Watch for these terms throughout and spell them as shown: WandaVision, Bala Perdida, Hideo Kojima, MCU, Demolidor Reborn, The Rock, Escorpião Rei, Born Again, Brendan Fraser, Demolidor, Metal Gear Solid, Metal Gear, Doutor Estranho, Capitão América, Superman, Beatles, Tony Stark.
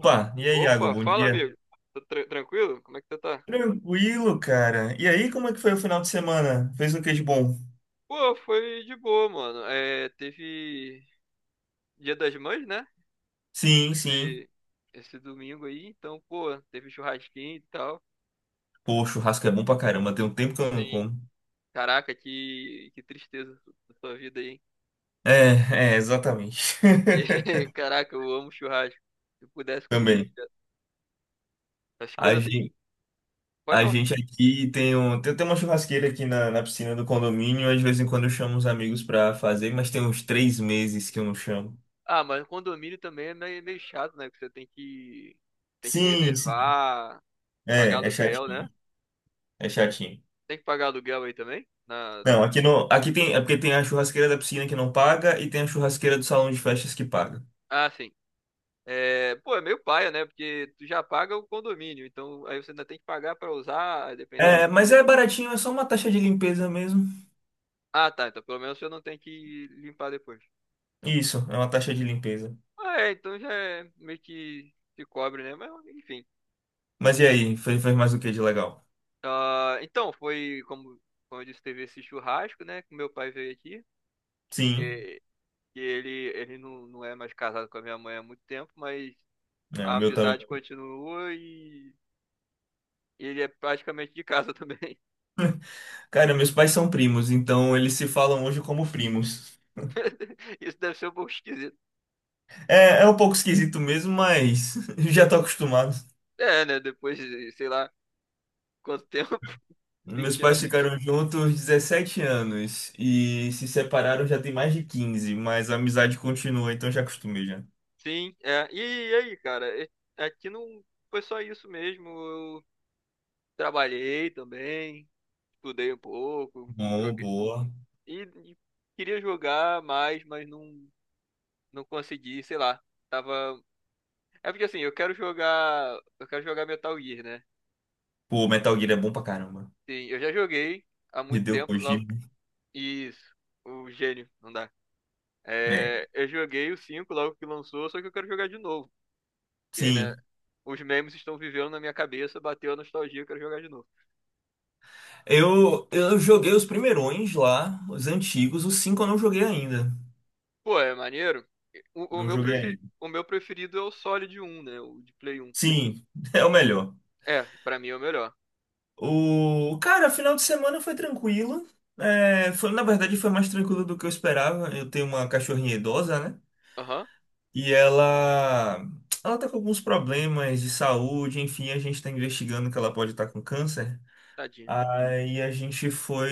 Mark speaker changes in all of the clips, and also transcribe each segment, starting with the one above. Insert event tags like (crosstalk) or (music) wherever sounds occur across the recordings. Speaker 1: Falou.
Speaker 2: e aí, Iago,
Speaker 1: Opa,
Speaker 2: bom
Speaker 1: fala,
Speaker 2: dia.
Speaker 1: amigo. Tranquilo? Como é que você tá?
Speaker 2: Tranquilo, cara. E aí, como é que foi o final de semana? Fez o que de bom?
Speaker 1: Pô, foi de boa, mano. Teve Dia das Mães, né?
Speaker 2: Sim, sim.
Speaker 1: E esse domingo aí, então, pô, teve churrasquinho e tal.
Speaker 2: Pô, churrasco é bom pra caramba, tem um tempo que eu não
Speaker 1: Tem,
Speaker 2: como.
Speaker 1: caraca, que tristeza da sua vida aí, hein?
Speaker 2: Exatamente. (laughs)
Speaker 1: (laughs) Caraca, eu amo churrasco. Se eu pudesse comer
Speaker 2: Também.
Speaker 1: direto as
Speaker 2: A
Speaker 1: coisas assim.
Speaker 2: gente,
Speaker 1: Pode
Speaker 2: a
Speaker 1: falar.
Speaker 2: gente aqui tem uma churrasqueira aqui na piscina do condomínio, às de vez em quando eu chamo os amigos pra fazer, mas tem uns 3 meses que eu não chamo.
Speaker 1: Ah, mas condomínio também é meio, meio chato, né? Que você tem que
Speaker 2: Sim, sim.
Speaker 1: reservar, pagar
Speaker 2: É,
Speaker 1: aluguel, né?
Speaker 2: chatinho, é chatinho.
Speaker 1: Tem que pagar aluguel aí também? Na...
Speaker 2: Não, aqui no, aqui tem, é porque tem a churrasqueira da piscina que não paga e tem a churrasqueira do salão de festas que paga.
Speaker 1: Ah, sim. É, pô, é meio paia, né? Porque tu já paga o condomínio, então aí você ainda tem que pagar pra usar a
Speaker 2: É,
Speaker 1: dependência.
Speaker 2: mas é baratinho, é só uma taxa de limpeza mesmo.
Speaker 1: Ah, tá. Então pelo menos você não tem que limpar depois.
Speaker 2: Isso, é uma taxa de limpeza.
Speaker 1: Ah, é, então já é meio que se cobre, né? Mas enfim.
Speaker 2: Mas e aí, fez mais o que de legal?
Speaker 1: Ah, então, foi como, como eu disse, teve esse churrasco, né? Que meu pai veio aqui.
Speaker 2: Sim,
Speaker 1: E, e ele, ele não é mais casado com a minha mãe há muito tempo, mas
Speaker 2: é,
Speaker 1: a
Speaker 2: o meu também.
Speaker 1: amizade continua e ele é praticamente de casa também.
Speaker 2: Cara, meus pais são primos, então eles se falam hoje como primos.
Speaker 1: (laughs) Isso deve ser um pouco esquisito.
Speaker 2: É, é um pouco esquisito mesmo, mas (laughs) já tô acostumado.
Speaker 1: É, né? Depois, sei lá. Quanto tempo? (laughs)
Speaker 2: Meus
Speaker 1: vinte
Speaker 2: pais
Speaker 1: anos.
Speaker 2: ficaram juntos 17 anos e se separaram já tem mais de 15, mas a amizade continua, então já acostumei já.
Speaker 1: Sim, é. E aí, cara? é- Aqui não foi só isso mesmo. Eu trabalhei também, estudei um pouco,
Speaker 2: Bom,
Speaker 1: joguei.
Speaker 2: boa.
Speaker 1: E, e queria jogar mais, mas não consegui, sei lá. Tava. É porque assim, eu quero jogar. Eu quero jogar Metal Gear, né?
Speaker 2: Pô, Metal Gear é bom pra caramba.
Speaker 1: Sim, eu já joguei há muito
Speaker 2: Hideo
Speaker 1: tempo, logo.
Speaker 2: Kojima,
Speaker 1: Isso, o gênio, não dá.
Speaker 2: né?
Speaker 1: É, eu joguei o 5 logo que lançou, só que eu quero jogar de novo. Porque, né?
Speaker 2: Sim.
Speaker 1: Os memes estão vivendo na minha cabeça, bateu a nostalgia, eu quero jogar de novo.
Speaker 2: Eu joguei os primeirões lá, os antigos, os cinco eu não joguei ainda.
Speaker 1: Pô, é maneiro.
Speaker 2: Não joguei ainda.
Speaker 1: O meu preferido é o Solid um, né? O de Play 1.
Speaker 2: Sim, (laughs) é o melhor.
Speaker 1: É, pra mim é o melhor.
Speaker 2: O cara, final de semana foi tranquilo. É, foi, na verdade, foi mais tranquilo do que eu esperava. Eu tenho uma cachorrinha idosa, né?
Speaker 1: Aham,
Speaker 2: E ela tá com alguns problemas de saúde. Enfim, a gente tá investigando que ela pode estar com câncer.
Speaker 1: tadinho.
Speaker 2: Aí a gente foi,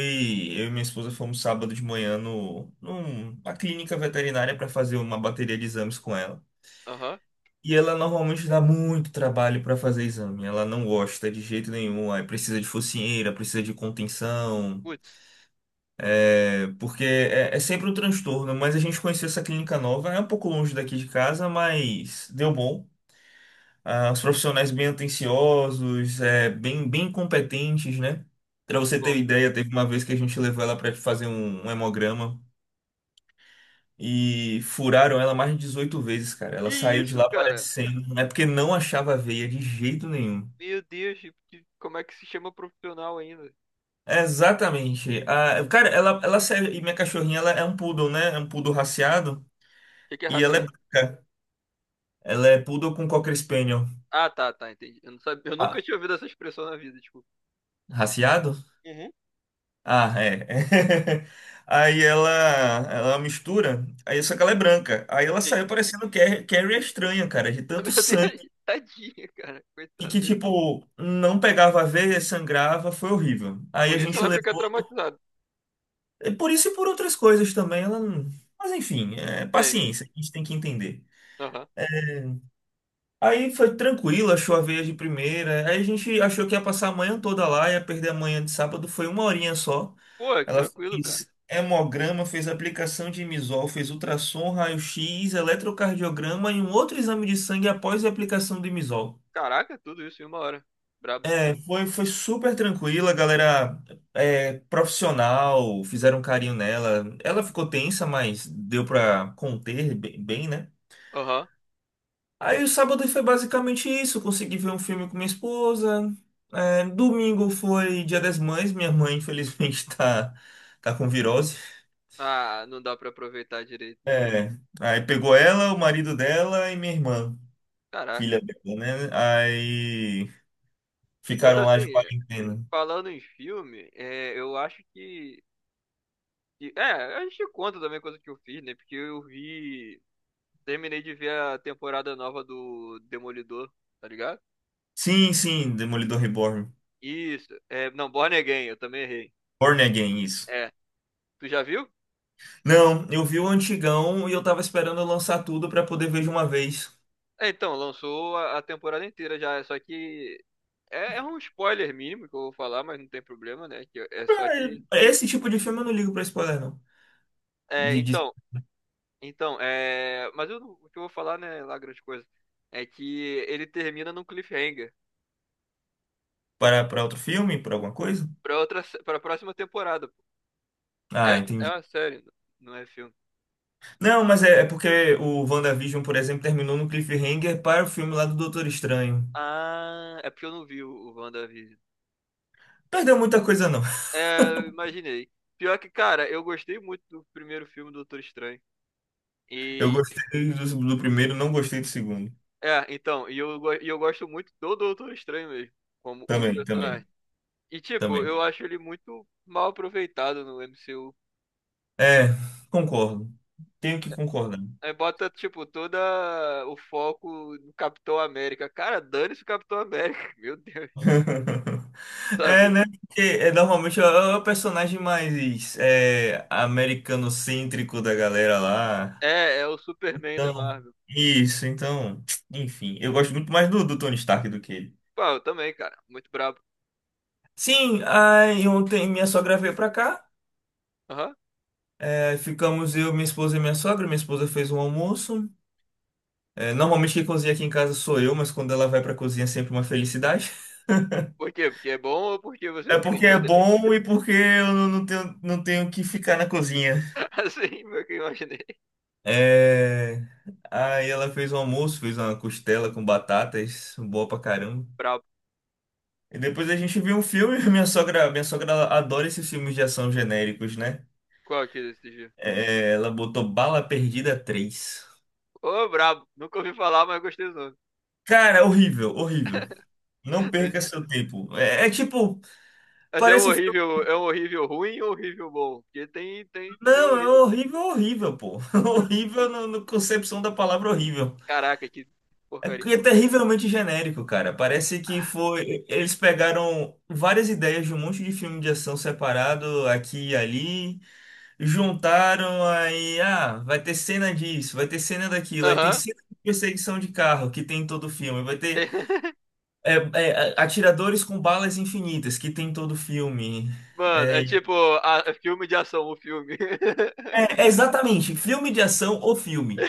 Speaker 2: eu e minha esposa fomos sábado de manhã no, numa clínica veterinária para fazer uma bateria de exames com ela.
Speaker 1: Aham.
Speaker 2: E ela normalmente dá muito trabalho para fazer exame. Ela não gosta de jeito nenhum. Aí precisa de focinheira, precisa de contenção,
Speaker 1: Putz,
Speaker 2: é, porque é sempre um transtorno. Mas a gente conheceu essa clínica nova, é um pouco longe daqui de casa, mas deu bom. Ah, os profissionais bem atenciosos, é, bem competentes, né? Para você ter
Speaker 1: bom.
Speaker 2: ideia, teve uma vez que a gente levou ela para fazer um hemograma. E furaram ela mais de 18 vezes, cara.
Speaker 1: Que
Speaker 2: Ela saiu de
Speaker 1: isso,
Speaker 2: lá
Speaker 1: cara?
Speaker 2: parecendo. É porque não achava a veia de jeito nenhum.
Speaker 1: Meu Deus, como é que se chama profissional ainda? O
Speaker 2: Exatamente. Ah, cara, ela serve. E minha cachorrinha, ela é um poodle, né? É um poodle raciado.
Speaker 1: que que é
Speaker 2: E ela é
Speaker 1: raciado?
Speaker 2: branca. Ela é poodle com Cocker Spaniel.
Speaker 1: Ah, tá, tá, entendi. Eu não sabia, eu nunca
Speaker 2: Ah,
Speaker 1: tinha ouvido essa expressão na vida, desculpa.
Speaker 2: raciado?
Speaker 1: Uhum.
Speaker 2: Ah, é. (laughs) Aí ela mistura. Aí só que ela é branca. Aí ela
Speaker 1: Sim.
Speaker 2: saiu parecendo Carrie a estranha, cara, de
Speaker 1: (laughs)
Speaker 2: tanto
Speaker 1: Meu
Speaker 2: sangue.
Speaker 1: Deus, tadinha, cara,
Speaker 2: E
Speaker 1: coitado.
Speaker 2: que, tipo, não pegava a veia, sangrava, foi horrível. Aí a
Speaker 1: Por isso
Speaker 2: gente
Speaker 1: ela fica
Speaker 2: levou.
Speaker 1: traumatizada.
Speaker 2: É por isso e por outras coisas também. Ela não. Mas enfim, é
Speaker 1: É, enfim.
Speaker 2: paciência, a gente tem que entender.
Speaker 1: Aham.
Speaker 2: Aí foi tranquilo, achou a veia de primeira. Aí a gente achou que ia passar a manhã toda lá, ia perder a manhã de sábado, foi uma horinha só.
Speaker 1: Pô, que
Speaker 2: Ela
Speaker 1: tranquilo, cara.
Speaker 2: fez hemograma, fez aplicação de imisol, fez ultrassom, raio-x, eletrocardiograma e um outro exame de sangue após a aplicação do imisol.
Speaker 1: Caraca, tudo isso em uma hora. Brabo.
Speaker 2: É, foi super tranquila, a galera é, profissional, fizeram um carinho nela. Ela ficou tensa, mas deu pra conter bem, bem, né?
Speaker 1: Aham.
Speaker 2: Aí o sábado foi basicamente isso. Consegui ver um filme com minha esposa. É, domingo foi Dia das Mães. Minha mãe, infelizmente, (laughs) tá com virose.
Speaker 1: Ah, não dá pra aproveitar direito, né?
Speaker 2: É, aí pegou ela, o marido dela e minha irmã,
Speaker 1: Caraca.
Speaker 2: filha dela, né? Aí
Speaker 1: Mas
Speaker 2: ficaram
Speaker 1: assim,
Speaker 2: lá de quarentena.
Speaker 1: falando em filme, é, eu acho que, que. É, a gente conta também coisa que eu fiz, né? Porque eu vi. Terminei de ver a temporada nova do Demolidor, tá ligado?
Speaker 2: Sim, sim, Demolidor Reborn.
Speaker 1: Isso. É, não, Born Again, eu também errei.
Speaker 2: Born Again, isso.
Speaker 1: É. Tu já viu?
Speaker 2: Não, eu vi o antigão e eu tava esperando eu lançar tudo pra poder ver de uma vez.
Speaker 1: É, então, lançou a temporada inteira já. Só que. É, é um spoiler mínimo que eu vou falar, mas não tem problema, né? Que, é só que.
Speaker 2: Pra- Esse tipo de filme eu não ligo pra spoiler, não.
Speaker 1: É,
Speaker 2: De
Speaker 1: então, Então, é... mas eu não- o que eu vou falar, né, lá grande coisa, é que ele termina num cliffhanger
Speaker 2: Para, outro filme? Para alguma coisa?
Speaker 1: pra outra, para próxima temporada. Pô.
Speaker 2: Ah,
Speaker 1: É, é
Speaker 2: entendi.
Speaker 1: uma série, não é filme.
Speaker 2: Não, mas é porque o WandaVision, por exemplo, terminou no cliffhanger para o filme lá do Doutor Estranho.
Speaker 1: Ah, é porque eu não vi o WandaVision.
Speaker 2: Perdeu muita coisa, não.
Speaker 1: É, eu imaginei. Pior que, cara, eu gostei muito do primeiro filme do Doutor Estranho.
Speaker 2: Eu
Speaker 1: E,
Speaker 2: gostei do primeiro, não gostei do segundo.
Speaker 1: é, então, e eu gosto muito do Doutor Estranho mesmo, como o
Speaker 2: Também, também,
Speaker 1: personagem. E, tipo,
Speaker 2: também.
Speaker 1: eu acho ele muito mal aproveitado no MCU.
Speaker 2: É, concordo. Tenho que concordar.
Speaker 1: Aí bota, tipo, todo o foco no Capitão América. Cara, dane-se o Capitão América, (laughs) meu Deus,
Speaker 2: (laughs) É,
Speaker 1: sabe?
Speaker 2: né? Porque é, normalmente é o personagem mais é, americanocêntrico da galera lá.
Speaker 1: É, é o Superman da
Speaker 2: Então,
Speaker 1: Marvel.
Speaker 2: isso, então, enfim. Eu gosto muito mais do Tony Stark do que ele.
Speaker 1: Pô, eu também, cara, muito brabo.
Speaker 2: Sim, aí ontem minha sogra veio pra cá.
Speaker 1: Aham.
Speaker 2: É, ficamos eu, minha esposa e minha sogra. Minha esposa fez um almoço. É, normalmente quem cozinha aqui em casa sou eu, mas quando ela vai pra cozinha é sempre uma felicidade. (laughs)
Speaker 1: Por quê? Porque é bom ou porque você
Speaker 2: É
Speaker 1: não tem
Speaker 2: porque
Speaker 1: que
Speaker 2: é
Speaker 1: fazer?
Speaker 2: bom e porque eu não tenho que ficar na cozinha.
Speaker 1: (laughs) Assim, foi o que eu imaginei.
Speaker 2: É, aí ela fez um almoço, fez uma costela com batatas, boa pra caramba.
Speaker 1: Brabo.
Speaker 2: E depois a gente viu um filme. (laughs) Minha sogra ela adora esses filmes de ação genéricos, né?
Speaker 1: Qual que é desse dia?
Speaker 2: É, ela botou Bala Perdida 3.
Speaker 1: Ô, brabo. Nunca ouvi falar, mas gostei do nome.
Speaker 2: Cara, horrível, horrível. Não perca seu tempo. É, tipo,
Speaker 1: Mas
Speaker 2: parece filme.
Speaker 1: é um horrível ruim ou horrível bom? Porque tem, tem também um
Speaker 2: Não, é
Speaker 1: horrível.
Speaker 2: horrível, horrível, pô. (laughs)
Speaker 1: Putz,
Speaker 2: Horrível no concepção da palavra horrível.
Speaker 1: caraca, que
Speaker 2: É,
Speaker 1: porcaria.
Speaker 2: que é terrivelmente genérico, cara. Parece que foi. Eles pegaram várias ideias de um monte de filme de ação separado aqui e ali, juntaram aí, ah, vai ter cena disso, vai ter cena daquilo, aí tem
Speaker 1: Aham.
Speaker 2: cena de perseguição de carro que tem em todo filme, vai ter.
Speaker 1: Tem. (laughs)
Speaker 2: Atiradores com balas infinitas, que tem em todo filme.
Speaker 1: Mano, é
Speaker 2: É,
Speaker 1: tipo é filme de ação, o filme.
Speaker 2: exatamente, filme de ação ou filme.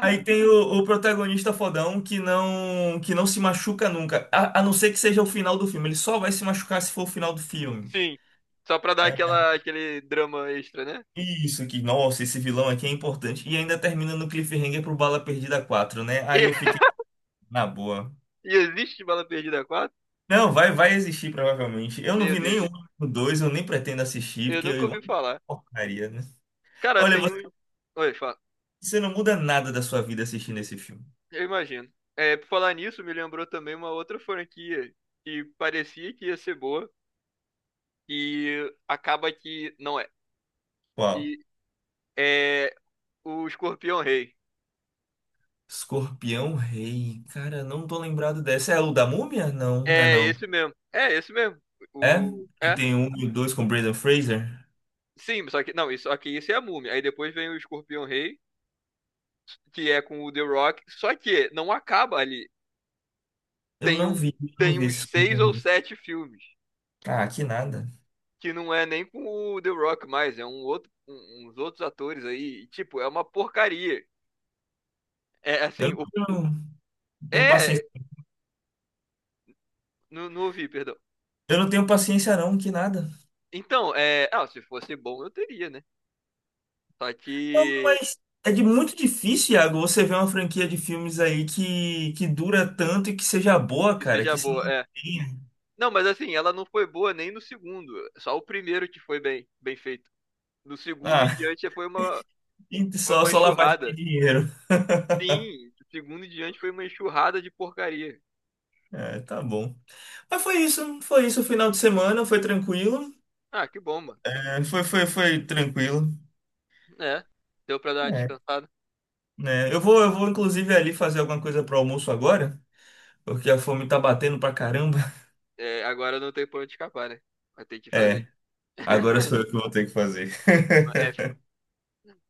Speaker 2: Aí tem o protagonista fodão que não se machuca nunca, a não ser que seja o final do filme. Ele só vai se machucar se for o final do filme.
Speaker 1: Sim, só pra dar
Speaker 2: É,
Speaker 1: aquela, aquele drama extra, né?
Speaker 2: isso que, nossa, esse vilão aqui é importante. E ainda termina no cliffhanger pro Bala Perdida 4, né? Aí eu fiquei
Speaker 1: (laughs)
Speaker 2: na boa.
Speaker 1: E, e existe Bala Perdida 4?
Speaker 2: Não, vai existir provavelmente. Eu não
Speaker 1: Meu
Speaker 2: vi nenhum,
Speaker 1: Deus,
Speaker 2: dois, eu nem pretendo assistir,
Speaker 1: eu
Speaker 2: porque
Speaker 1: nunca
Speaker 2: eu
Speaker 1: ouvi falar.
Speaker 2: porcaria, né?
Speaker 1: Cara,
Speaker 2: Olha,
Speaker 1: tem um. Oi, fala.
Speaker 2: você não muda nada da sua vida assistindo esse filme.
Speaker 1: Eu imagino. É, por falar nisso, me lembrou também uma outra franquia que parecia que ia ser boa e acaba que não é.
Speaker 2: Qual?
Speaker 1: Que é o Escorpião Rei.
Speaker 2: Escorpião Rei. Cara, não tô lembrado dessa. É o da Múmia? Não, não é
Speaker 1: É
Speaker 2: não.
Speaker 1: esse mesmo. É esse mesmo.
Speaker 2: É?
Speaker 1: O...
Speaker 2: Que
Speaker 1: É.
Speaker 2: tem um e o dois com Brendan Fraser?
Speaker 1: Sim, só que. Não, isso, só que isso é a múmia. Aí depois vem o Escorpião Rei, que é com o The Rock. Só que não acaba ali.
Speaker 2: Eu
Speaker 1: Tem,
Speaker 2: não
Speaker 1: um,
Speaker 2: vi, eu não
Speaker 1: tem
Speaker 2: vi esse
Speaker 1: uns seis
Speaker 2: Escorpião
Speaker 1: ou
Speaker 2: Rei.
Speaker 1: sete filmes.
Speaker 2: Ah, que nada.
Speaker 1: Que não é nem com o The Rock mais, é um outro, uns outros atores aí. E, tipo, é uma porcaria. É
Speaker 2: Eu
Speaker 1: assim, o,
Speaker 2: não tenho, tenho
Speaker 1: é.
Speaker 2: paciência.
Speaker 1: Não, não ouvi, perdão.
Speaker 2: Eu não tenho paciência não, que nada.
Speaker 1: Então, é. Ah, se fosse bom, eu teria, né? Só
Speaker 2: Não,
Speaker 1: que.
Speaker 2: mas é de muito difícil, Iago, você ver uma franquia de filmes aí que dura tanto e que seja boa,
Speaker 1: Que
Speaker 2: cara,
Speaker 1: seja
Speaker 2: que se
Speaker 1: boa, é.
Speaker 2: mantenha.
Speaker 1: Não, mas assim, ela não foi boa nem no segundo. Só o primeiro que foi bem, bem feito. No segundo em
Speaker 2: Ah,
Speaker 1: diante foi uma,
Speaker 2: (laughs)
Speaker 1: foi
Speaker 2: só,
Speaker 1: uma
Speaker 2: só lavagem de
Speaker 1: enxurrada.
Speaker 2: dinheiro.
Speaker 1: Sim, do segundo em diante foi uma enxurrada de porcaria.
Speaker 2: É, tá bom. Ah, foi isso o final de semana, foi tranquilo.
Speaker 1: Ah, que bom, mano.
Speaker 2: É, foi tranquilo.
Speaker 1: É, deu pra dar uma
Speaker 2: É.
Speaker 1: descansada.
Speaker 2: Né, eu vou inclusive ali fazer alguma coisa pro almoço agora, porque a fome tá batendo pra caramba. (laughs)
Speaker 1: É, agora não tem pra onde escapar, né? Vai ter que fazer.
Speaker 2: É, agora
Speaker 1: (laughs)
Speaker 2: sou eu que vou ter que fazer.
Speaker 1: É,
Speaker 2: (laughs)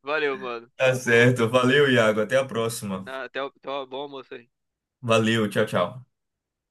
Speaker 1: valeu, mano.
Speaker 2: Tá
Speaker 1: Vou-
Speaker 2: certo, valeu, Iago, até a próxima.
Speaker 1: Até, até o bom almoço aí.
Speaker 2: Valeu, tchau, tchau.